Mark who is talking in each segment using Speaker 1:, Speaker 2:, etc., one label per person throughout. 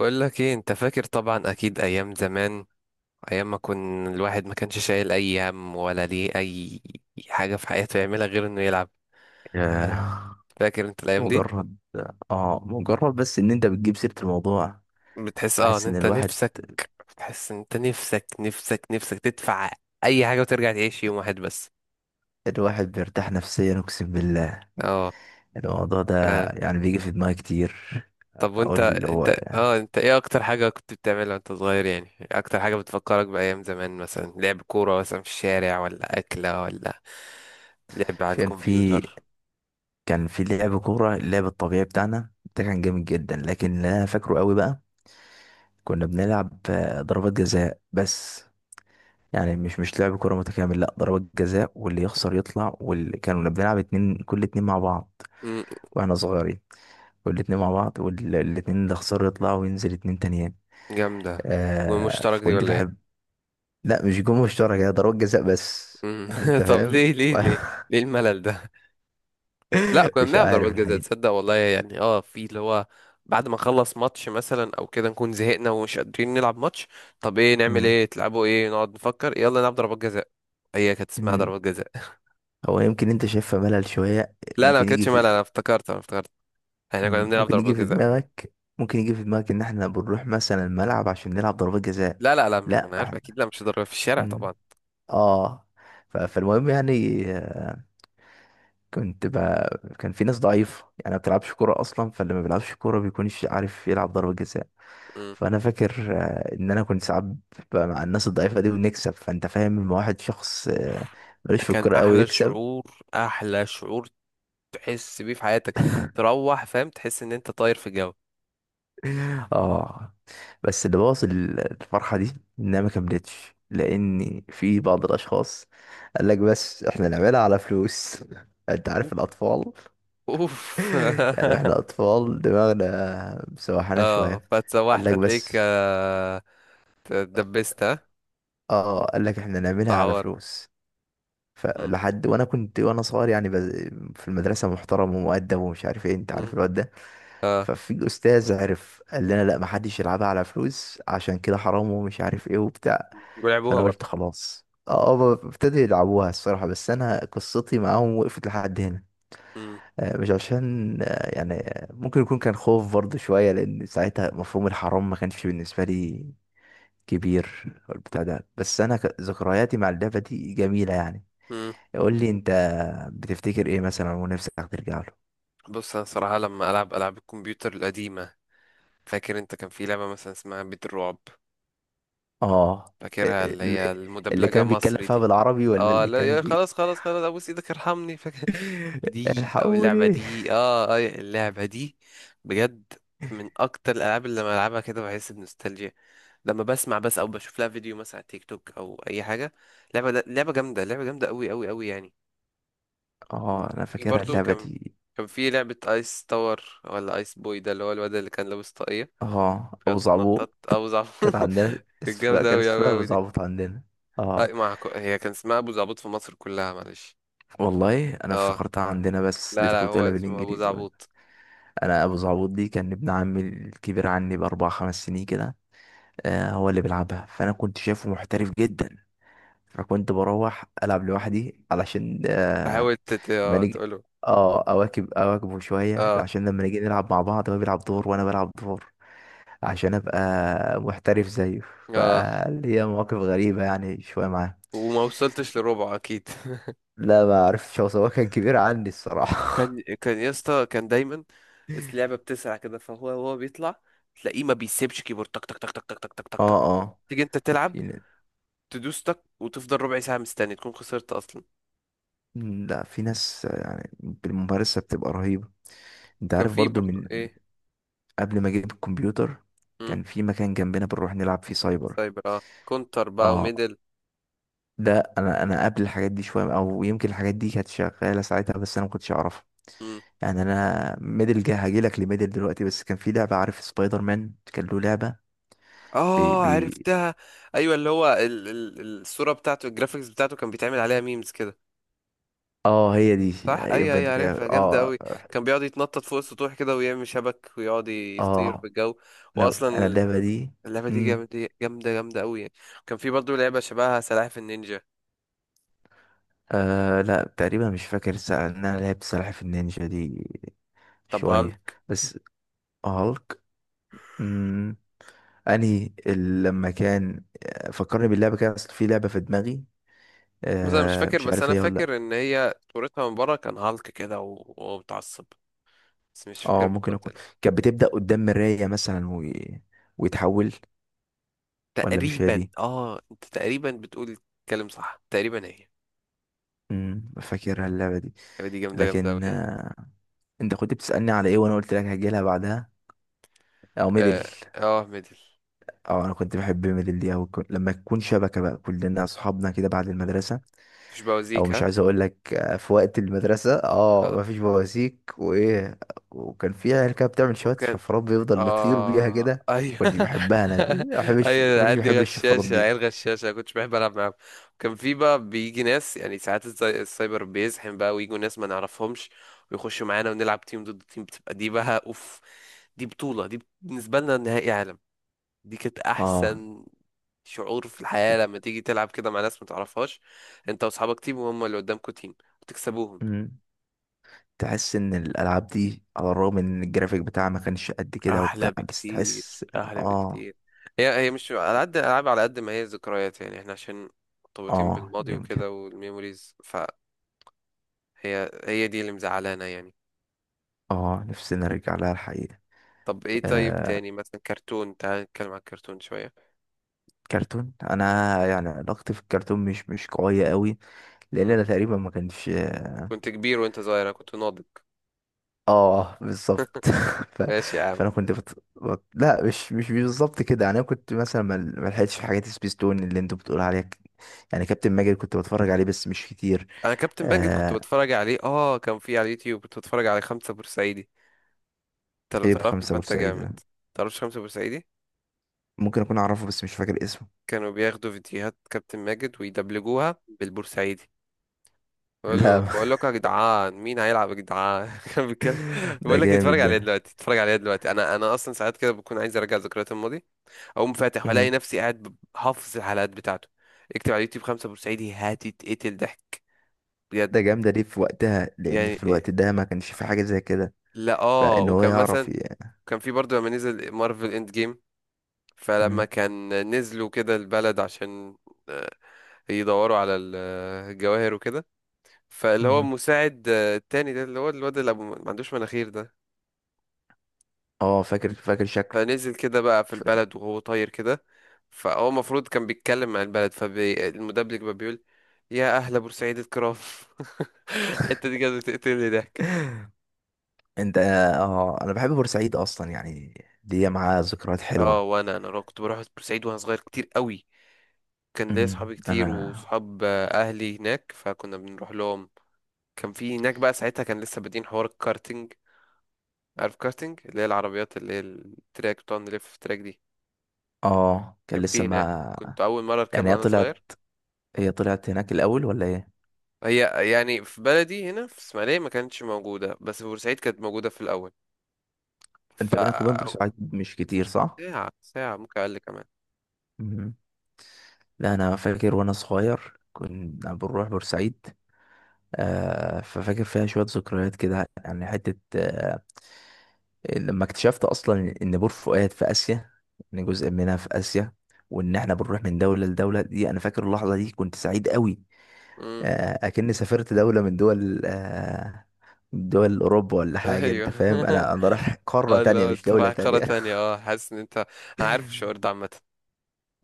Speaker 1: بقول لك ايه؟ انت فاكر طبعا، اكيد ايام زمان، ايام ما كان الواحد ما كانش شايل اي هم ولا ليه اي حاجه في حياته يعملها غير انه يلعب.
Speaker 2: ياه.
Speaker 1: فاكر انت الايام دي؟
Speaker 2: مجرد اه مجرد بس ان انت بتجيب سيرة الموضوع.
Speaker 1: بتحس ان
Speaker 2: احس ان
Speaker 1: انت
Speaker 2: الواحد
Speaker 1: نفسك، بتحس ان انت نفسك نفسك نفسك تدفع اي حاجه وترجع تعيش يوم واحد بس.
Speaker 2: الواحد بيرتاح نفسيا، اقسم بالله.
Speaker 1: اه.
Speaker 2: الموضوع ده
Speaker 1: آه.
Speaker 2: يعني بيجي في دماغي كتير.
Speaker 1: طب وانت
Speaker 2: اقول اللي هو
Speaker 1: انت اه انت ايه اكتر حاجه كنت بتعملها وانت صغير؟ يعني اكتر حاجه بتفكرك بايام زمان، مثلا لعب كوره مثلا في الشارع، ولا اكله، ولا لعب على
Speaker 2: كان في
Speaker 1: الكمبيوتر.
Speaker 2: كان في لعب كورة، اللعب الطبيعي بتاعنا ده كان جامد جدا، لكن اللي انا فاكره قوي بقى كنا بنلعب ضربات جزاء بس. يعني مش لعب كورة متكامل، لا ضربات جزاء، واللي يخسر يطلع، واللي كانوا بنلعب اتنين كل اتنين مع بعض واحنا صغيرين، والاتنين مع بعض، والاتنين اللي خسروا يطلعوا وينزل اتنين تانيين.
Speaker 1: جامدة.
Speaker 2: آه
Speaker 1: والمشترك دي
Speaker 2: فكنت
Speaker 1: ولا ايه؟
Speaker 2: بحب. لا مش جون مشترك، هي ضربات جزاء بس،
Speaker 1: مم.
Speaker 2: يعني انت
Speaker 1: طب
Speaker 2: فاهم.
Speaker 1: ليه ليه ليه؟ ليه الملل ده؟ لا كنا
Speaker 2: مش
Speaker 1: بنلعب
Speaker 2: عارف
Speaker 1: ضربات جزاء،
Speaker 2: الحقيقة.
Speaker 1: تصدق والله، يعني اه في اللي هو بعد ما نخلص ماتش مثلا او كده نكون زهقنا ومش قادرين نلعب ماتش، طب ايه نعمل
Speaker 2: مم.
Speaker 1: ايه تلعبوا ايه، نقعد نفكر يلا نلعب ضربات جزاء. هي كانت اسمها
Speaker 2: مم.
Speaker 1: ضربات جزاء.
Speaker 2: هو يمكن انت شايفها ملل شوية،
Speaker 1: لا لا ما
Speaker 2: ممكن يجي
Speaker 1: كانتش ملل، انا
Speaker 2: في.
Speaker 1: افتكرت انا افتكرت احنا كنا
Speaker 2: مم.
Speaker 1: بنلعب
Speaker 2: ممكن يجي
Speaker 1: ضربات
Speaker 2: في
Speaker 1: جزاء.
Speaker 2: دماغك ممكن يجي في دماغك ان احنا بنروح مثلا الملعب عشان نلعب ضربات جزاء.
Speaker 1: لا لا لا مش، ما
Speaker 2: لا
Speaker 1: انا عارف
Speaker 2: احنا-.
Speaker 1: اكيد، لا مش ضربة في الشارع
Speaker 2: مم.
Speaker 1: طبعا.
Speaker 2: اه فالمهم يعني كنت بقى كان في ناس ضعيفة يعني ما بتلعبش كورة أصلا، فاللي ما بيلعبش كورة بيكونش عارف يلعب ضربة جزاء.
Speaker 1: مم.
Speaker 2: فأنا فاكر إن أنا كنت ساعات بقى مع الناس الضعيفة دي ونكسب، فأنت فاهم لما واحد شخص
Speaker 1: أوف،
Speaker 2: ملوش
Speaker 1: ده
Speaker 2: في
Speaker 1: كان
Speaker 2: الكورة أوي
Speaker 1: احلى
Speaker 2: يكسب.
Speaker 1: شعور، احلى شعور تحس بيه في حياتك، تروح فاهم تحس ان انت طاير في الجو.
Speaker 2: آه. بس اللي بوظ الفرحة دي إنها ما كملتش، لأن في بعض الأشخاص قال لك بس إحنا نعملها على فلوس. أنت عارف
Speaker 1: اوف
Speaker 2: الأطفال.
Speaker 1: اوف.
Speaker 2: يعني إحنا أطفال دماغنا مسوحانا
Speaker 1: اه
Speaker 2: شوية. قال
Speaker 1: فاتسوحت
Speaker 2: لك
Speaker 1: هتلاقيك
Speaker 2: بس.
Speaker 1: اتدبست ها
Speaker 2: اه قال لك احنا نعملها على
Speaker 1: اتعورت.
Speaker 2: فلوس.
Speaker 1: مم.
Speaker 2: فلحد وانا كنت وانا صغير يعني في المدرسه محترم ومؤدب ومش عارف ايه، انت عارف
Speaker 1: مم.
Speaker 2: الواد ده. ففي استاذ عرف قال لنا لا، ما حدش يلعبها على فلوس عشان كده حرام ومش عارف ايه وبتاع.
Speaker 1: ولعبوها
Speaker 2: فانا قلت
Speaker 1: برضه.
Speaker 2: خلاص، اه هما ابتدوا يلعبوها الصراحه، بس انا قصتي معاهم وقفت لحد هنا.
Speaker 1: مم.
Speaker 2: مش عشان يعني ممكن يكون كان خوف برضه شويه، لان ساعتها مفهوم الحرام ما كانش بالنسبه لي كبير والبتاع ده، بس انا ذكرياتي مع اللعبه دي جميله يعني.
Speaker 1: مم.
Speaker 2: قول لي انت بتفتكر ايه مثلا ونفسك ترجع له.
Speaker 1: بص انا صراحة لما العب العاب الكمبيوتر القديمة، فاكر انت كان في لعبة مثلا اسمها بيت الرعب؟
Speaker 2: اه
Speaker 1: فاكرها اللي
Speaker 2: اللي
Speaker 1: هي
Speaker 2: اللي
Speaker 1: المدبلجة
Speaker 2: كان بيتكلم
Speaker 1: مصري
Speaker 2: فيها
Speaker 1: دي؟
Speaker 2: بالعربي ولا
Speaker 1: اه
Speaker 2: اللي
Speaker 1: لا
Speaker 2: كان
Speaker 1: يا خلاص خلاص خلاص ابوس ايدك ارحمني، فاكر دي، او اللعبه
Speaker 2: الحقوني.
Speaker 1: دي، اللعبه دي بجد من اكتر الالعاب اللي لما العبها كده بحس بنوستالجيا، لما بسمع بس او بشوف لها فيديو مثلا على تيك توك او اي حاجه. لعبه جامده، لعبه جامده قوي قوي قوي يعني.
Speaker 2: اه انا
Speaker 1: في
Speaker 2: فاكرها
Speaker 1: برضو
Speaker 2: اللعبه
Speaker 1: كان
Speaker 2: دي.
Speaker 1: كان في لعبه ايس تاور ولا ايس بوي، ده اللي هو الواد اللي كان لابس طاقيه
Speaker 2: اه ابو
Speaker 1: بيقعد
Speaker 2: زعبوط.
Speaker 1: يتنطط، ابو زعبوط.
Speaker 2: كانت عندنا
Speaker 1: كانت
Speaker 2: اسمها،
Speaker 1: جامده
Speaker 2: كان
Speaker 1: قوي
Speaker 2: اسمها
Speaker 1: قوي
Speaker 2: ابو
Speaker 1: قوي دي.
Speaker 2: زعبوط عندنا.
Speaker 1: اي
Speaker 2: اه
Speaker 1: مع، هي كان اسمها ابو زعبوط في مصر كلها معلش.
Speaker 2: والله انا
Speaker 1: اه
Speaker 2: افتكرتها عندنا بس
Speaker 1: لا لا
Speaker 2: لقيتك
Speaker 1: هو
Speaker 2: بتقولها
Speaker 1: اسمه ابو
Speaker 2: بالانجليزي قلت.
Speaker 1: زعبوط.
Speaker 2: انا ابو زعبوط دي كان ابن عمي الكبير عني باربع خمس سنين كده. هو اللي بيلعبها، فانا كنت شايفه محترف جدا، فكنت بروح العب لوحدي علشان آه
Speaker 1: تحاول تت...
Speaker 2: ما
Speaker 1: آه،
Speaker 2: نيجي
Speaker 1: تقوله.
Speaker 2: اه اواكبه شويه
Speaker 1: اه
Speaker 2: عشان لما نيجي نلعب مع بعض هو بيلعب دور وانا بلعب دور عشان ابقى محترف زيه،
Speaker 1: اه.
Speaker 2: فاللي هي مواقف غريبه يعني شويه معاه.
Speaker 1: وما وصلتش لربعه اكيد.
Speaker 2: لا ما اعرفش، هو سواء كان كبير عني الصراحه.
Speaker 1: كان يا اسطى كان دايما، اللعبه بتسرع كده، فهو بيطلع، تلاقيه ما بيسيبش كيبورد، تك تك تك تك تك تك تك تك تك،
Speaker 2: اه
Speaker 1: تيجي انت تلعب،
Speaker 2: في ن-
Speaker 1: تدوس تك وتفضل ربع ساعه مستني تكون خسرت اصلا.
Speaker 2: لا في ناس يعني بالممارسة بتبقى رهيبة. انت
Speaker 1: وكان
Speaker 2: عارف
Speaker 1: في
Speaker 2: برضو
Speaker 1: برضو
Speaker 2: من
Speaker 1: ايه؟
Speaker 2: قبل ما اجيب الكمبيوتر
Speaker 1: مم.
Speaker 2: كان في مكان جنبنا بنروح نلعب فيه سايبر.
Speaker 1: سايبر، كونتر بقى
Speaker 2: اه
Speaker 1: وميدل.
Speaker 2: ده انا قبل الحاجات دي شويه، او يمكن الحاجات دي كانت شغاله ساعتها بس انا ما كنتش اعرفها.
Speaker 1: مم.
Speaker 2: يعني انا ميدل جه هاجي لك لميدل دلوقتي، بس كان في لعبه عارف سبايدر مان كان له لعبه بي
Speaker 1: اه
Speaker 2: بي
Speaker 1: عرفتها. ايوه اللي هو الصوره بتاعته، الجرافيكس بتاعته كان بيتعمل عليها ميمز كده.
Speaker 2: اه هي دي.
Speaker 1: صح، اي
Speaker 2: يبقى
Speaker 1: اي
Speaker 2: انت كده
Speaker 1: عارفها، جامده
Speaker 2: اه.
Speaker 1: قوي. كان بيقعد يتنطط فوق السطوح كده ويعمل شبك ويقعد يطير في
Speaker 2: اه
Speaker 1: الجو.
Speaker 2: لو انا
Speaker 1: واصلا
Speaker 2: اللعبه دي.
Speaker 1: اللعبه دي
Speaker 2: امم.
Speaker 1: جامده جامده جامده قوي يعني. كان في برضه لعبه شبهها سلاحف النينجا.
Speaker 2: آه لا تقريبا مش فاكر الساعه ان انا لعبت سلاحف النينجا دي
Speaker 1: طب
Speaker 2: شويه،
Speaker 1: هالك،
Speaker 2: بس هالك. امم. انهي لما كان فكرني باللعبه كده، اصل في لعبه في دماغي
Speaker 1: بس انا مش
Speaker 2: آه
Speaker 1: فاكر،
Speaker 2: مش
Speaker 1: بس
Speaker 2: عارف
Speaker 1: انا
Speaker 2: هي ولا لأ.
Speaker 1: فاكر ان هي صورتها من بره كان هالك كده وهو متعصب، بس مش فاكر
Speaker 2: اه ممكن
Speaker 1: بالظبط
Speaker 2: اكون
Speaker 1: لا.
Speaker 2: كانت بتبدا قدام مرايه مثلا و... ويتحول. ولا مش هي
Speaker 1: تقريبا،
Speaker 2: دي.
Speaker 1: اه، انت تقريبا بتقول الكلام صح، تقريبا هي.
Speaker 2: فاكرها اللعبه دي.
Speaker 1: اللعبه دي جامده جامده قوي
Speaker 2: لكن
Speaker 1: يعني.
Speaker 2: آه. انت كنت بتسالني على ايه، وانا قلت لك هجيلها بعدها او ميدل.
Speaker 1: ميدل.
Speaker 2: اه انا كنت بحب ميدل دي او لما تكون شبكه بقى كلنا اصحابنا كده بعد المدرسه.
Speaker 1: مش
Speaker 2: او
Speaker 1: بوازيك
Speaker 2: مش
Speaker 1: ها؟
Speaker 2: عايز اقول لك في وقت المدرسه اه
Speaker 1: خلاص.
Speaker 2: مفيش بواسيك وايه. وكان في عيال كده بتعمل شويه
Speaker 1: وكان
Speaker 2: شفرات بيفضل نطير بيها
Speaker 1: اه
Speaker 2: كده.
Speaker 1: ايوه.
Speaker 2: كنتش بحبها انا دي، ما بحبش،
Speaker 1: ايوه
Speaker 2: كنتش
Speaker 1: العيال دي
Speaker 2: بحب الشفرات
Speaker 1: غشاشة،
Speaker 2: دي.
Speaker 1: عيال غشاشة، أنا كنتش بحب العب معاهم. كان في بقى بيجي ناس يعني ساعات السايبر بيزحم بقى، ويجوا ناس ما نعرفهمش ويخشوا معانا ونلعب تيم ضد تيم، بتبقى دي بقى اوف، دي بطولة، دي بالنسبة لنا نهائي عالم، دي كانت
Speaker 2: اه.
Speaker 1: احسن شعور في الحياة، لما تيجي تلعب كده مع ناس ما تعرفهاش، انت واصحابك تيم وهم اللي قدامكوا تيم وتكسبوهم.
Speaker 2: مم. تحس ان الالعاب دي على الرغم ان الجرافيك بتاعها ما كانش قد كده وبتاع،
Speaker 1: احلى
Speaker 2: بس
Speaker 1: بكتير
Speaker 2: تحس.
Speaker 1: احلى
Speaker 2: اه.
Speaker 1: بكتير. هي مش على قد العاب، على قد ما هي ذكريات، يعني احنا عشان مرتبطين
Speaker 2: اه
Speaker 1: بالماضي
Speaker 2: يمكن.
Speaker 1: وكده والميموريز، فهي هي دي اللي مزعلانا يعني.
Speaker 2: اه نفسي نرجع لها الحقيقه.
Speaker 1: طب ايه، طيب
Speaker 2: آه.
Speaker 1: تاني مثلا كرتون، تعال نتكلم عن الكرتون شوية.
Speaker 2: كرتون انا يعني علاقتي في الكرتون مش قويه قوي، لان
Speaker 1: مم.
Speaker 2: انا تقريبا ما كانش.
Speaker 1: كنت كبير وانت صغير، أنا كنت ناضج.
Speaker 2: اه بالظبط. ف...
Speaker 1: ماشي يا عم.
Speaker 2: فانا كنت لا مش بالظبط كده، يعني انا كنت مثلا ما لحقتش في حاجات سبيستون اللي انتوا بتقول عليها يعني كابتن ماجد كنت بتفرج عليه بس مش كتير.
Speaker 1: انا كابتن بانجت كنت
Speaker 2: آه...
Speaker 1: بتفرج عليه، كان في على اليوتيوب كنت بتفرج على خمسة بورسعيدي. انت لو
Speaker 2: ايه
Speaker 1: تعرفنا
Speaker 2: بخمسة
Speaker 1: فانت
Speaker 2: بورسعيد
Speaker 1: جامد.
Speaker 2: ده؟
Speaker 1: تعرفش خمسة بورسعيدي؟
Speaker 2: ممكن اكون اعرفه بس مش فاكر اسمه.
Speaker 1: كانوا بياخدوا فيديوهات كابتن ماجد ويدبلجوها بالبورسعيدي.
Speaker 2: لا.
Speaker 1: بقول لكم يا جدعان مين هيلعب يا جدعان. كان بيتكلم.
Speaker 2: ده
Speaker 1: بقول لك اتفرج
Speaker 2: جامد
Speaker 1: عليها
Speaker 2: ده.
Speaker 1: دلوقتي، اتفرج عليها دلوقتي، انا اصلا ساعات كده بكون عايز ارجع ذكريات الماضي، اقوم فاتح والاقي
Speaker 2: مم.
Speaker 1: نفسي قاعد حافظ الحلقات بتاعته. اكتب على اليوتيوب خمسة بورسعيدي هتتقتل ضحك، بجد.
Speaker 2: ده جامد ليه في وقتها، لان
Speaker 1: يعني
Speaker 2: في
Speaker 1: إيه،
Speaker 2: الوقت ده ما كانش في حاجة زي كده،
Speaker 1: لا اه
Speaker 2: فان هو
Speaker 1: وكان
Speaker 2: يعرف
Speaker 1: مثلا كان في برضه لما نزل مارفل اند جيم، فلما
Speaker 2: مم.
Speaker 1: كان نزلوا كده البلد، عشان آه، يدوروا على الجواهر وكده، فاللي هو
Speaker 2: مم.
Speaker 1: مساعد التاني ده اللي هو الواد اللي ما عندوش مناخير ده،
Speaker 2: اه فاكر فاكر شكله.
Speaker 1: فنزل كده بقى في البلد وهو طاير كده، فهو المفروض كان بيتكلم مع البلد، فالمدبلج بقى بيقول يا أهل بورسعيد الكرام. الحتة دي كانت بتقتلني ضحك.
Speaker 2: انت اه انا بحب بورسعيد اصلا يعني، دي معاها ذكريات
Speaker 1: اه
Speaker 2: حلوة.
Speaker 1: وانا كنت بروح بورسعيد وانا صغير كتير قوي، كان ليا صحابي
Speaker 2: انا.
Speaker 1: كتير وصحاب اهلي هناك فكنا بنروح لهم. كان في هناك بقى ساعتها، كان لسه بادئين حوار الكارتينج. عارف كارتينج اللي هي العربيات اللي هي التراك بتقعد نلف في التراك دي؟
Speaker 2: اه كان
Speaker 1: كان
Speaker 2: لسه
Speaker 1: في هناك،
Speaker 2: ما.
Speaker 1: كنت اول مره
Speaker 2: يعني
Speaker 1: اركبها
Speaker 2: هي
Speaker 1: وانا صغير.
Speaker 2: طلعت هي طلعت هناك الاول ولا ايه؟
Speaker 1: هي يعني في بلدي هنا في اسماعيلية ما كانتش موجودة، بس في بورسعيد كانت موجودة في الأول. ف
Speaker 2: انت بينك وبين بورسعيد مش كتير صح؟
Speaker 1: ساعة ساعة ممكن أقل كمان.
Speaker 2: مم. لا انا فاكر وانا صغير كنا بنروح بورسعيد. آه ففاكر فيها شوية ذكريات كده، يعني حتة آه لما اكتشفت اصلا ان بور فؤاد في اسيا، ان جزء منها في اسيا، وان احنا بنروح من دولة لدولة دي، انا فاكر اللحظة دي كنت سعيد قوي.
Speaker 1: مم.
Speaker 2: اكني سافرت دولة من دول من دول اوروبا ولا حاجة،
Speaker 1: أيوه.
Speaker 2: انت فاهم، انا رايح قارة
Speaker 1: اه
Speaker 2: تانية
Speaker 1: لو
Speaker 2: مش
Speaker 1: أنت
Speaker 2: دولة
Speaker 1: رايح قارة
Speaker 2: تانية.
Speaker 1: تانية، اه حاسس إن أنت، أنا عارف الشعور ده. عامة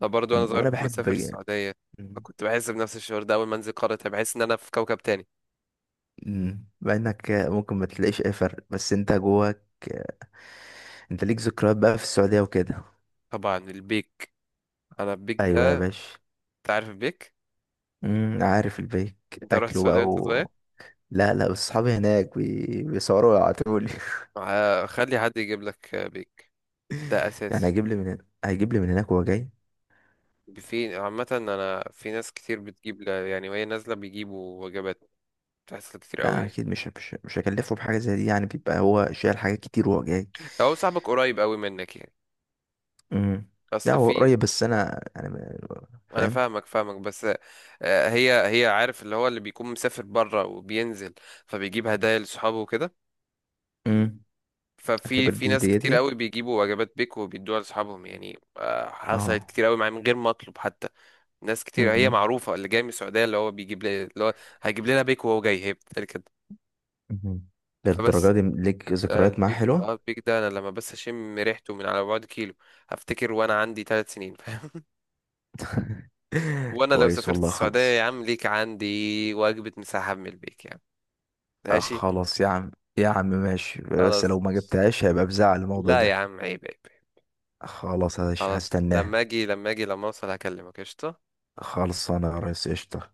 Speaker 1: أنا برضه وأنا صغير
Speaker 2: وانا
Speaker 1: كنت
Speaker 2: بحب.
Speaker 1: بسافر السعودية، فكنت بحس بنفس الشعور ده، أول ما أنزل قارة تانية بحس إن أنا في كوكب تاني.
Speaker 2: مم. مع انك ممكن ما تلاقيش اي فرق بس انت جواك انت ليك ذكريات بقى في السعودية وكده.
Speaker 1: طبعا البيك، أنا البيك
Speaker 2: ايوه يا
Speaker 1: ده.
Speaker 2: باشا.
Speaker 1: أنت عارف البيك؟
Speaker 2: مم، عارف البيك.
Speaker 1: أنت رحت
Speaker 2: اكله بقى
Speaker 1: السعودية وأنت
Speaker 2: و...
Speaker 1: صغير؟
Speaker 2: لا لا بس صحابي هناك بيصوروا ويبعتولي.
Speaker 1: خلي حد يجيب لك بيك. ده
Speaker 2: يعني
Speaker 1: أساسي.
Speaker 2: هيجيب لي من هنا، هيجيب لي من هناك وهو جاي.
Speaker 1: في عامة أنا في ناس كتير بتجيب يعني وهي نازلة بيجيبوا وجبات، تحصل كتير أوي
Speaker 2: لا
Speaker 1: يعني.
Speaker 2: اكيد مش هكلفه بحاجه زي دي، يعني بيبقى هو شايل حاجات كتير وهو جاي.
Speaker 1: لو هو صاحبك قريب أوي منك يعني.
Speaker 2: امم. لا
Speaker 1: أصل
Speaker 2: هو
Speaker 1: في.
Speaker 2: قريب بس انا يعني
Speaker 1: أنا
Speaker 2: فاهم.
Speaker 1: فاهمك فاهمك بس هي عارف اللي هو اللي بيكون مسافر برا وبينزل فبيجيب هدايا لصحابه وكده،
Speaker 2: امم.
Speaker 1: ففي
Speaker 2: اعتبر
Speaker 1: في
Speaker 2: دي
Speaker 1: ناس
Speaker 2: هديتي.
Speaker 1: كتير أوي بيجيبوا وجبات بيك وبيدوها لصحابهم، يعني حصلت
Speaker 2: اه.
Speaker 1: كتير أوي معايا من غير ما أطلب حتى. ناس كتير هي
Speaker 2: امم.
Speaker 1: معروفة اللي جاي من السعودية، اللي هو بيجيب لي اللي هو هيجيب لنا بيك وهو جاي، هي بتتقال كده.
Speaker 2: مهم. للدرجه
Speaker 1: فبس
Speaker 2: دي ليك ذكريات معاه
Speaker 1: البيك،
Speaker 2: حلوه.
Speaker 1: البيك ده انا لما بس اشم ريحته من على بعد كيلو هفتكر وانا عندي 3 سنين فاهم. وانا لو
Speaker 2: كويس
Speaker 1: سافرت
Speaker 2: والله
Speaker 1: السعودية
Speaker 2: خلاص.
Speaker 1: يا عم ليك عندي وجبة مساحة من البيك يا عم. ماشي.
Speaker 2: خلاص يا عم، يا عم ماشي، بس لو
Speaker 1: خلاص
Speaker 2: ما
Speaker 1: ماشي.
Speaker 2: جبتهاش هيبقى بزعل الموضوع
Speaker 1: لا يا
Speaker 2: ده.
Speaker 1: عم، عيب عيب عيب.
Speaker 2: خلاص
Speaker 1: خلاص لما
Speaker 2: هستناها.
Speaker 1: اجي، لما اجي، لما اوصل هكلمك قشطة
Speaker 2: خلصانه يا ريس قشطه.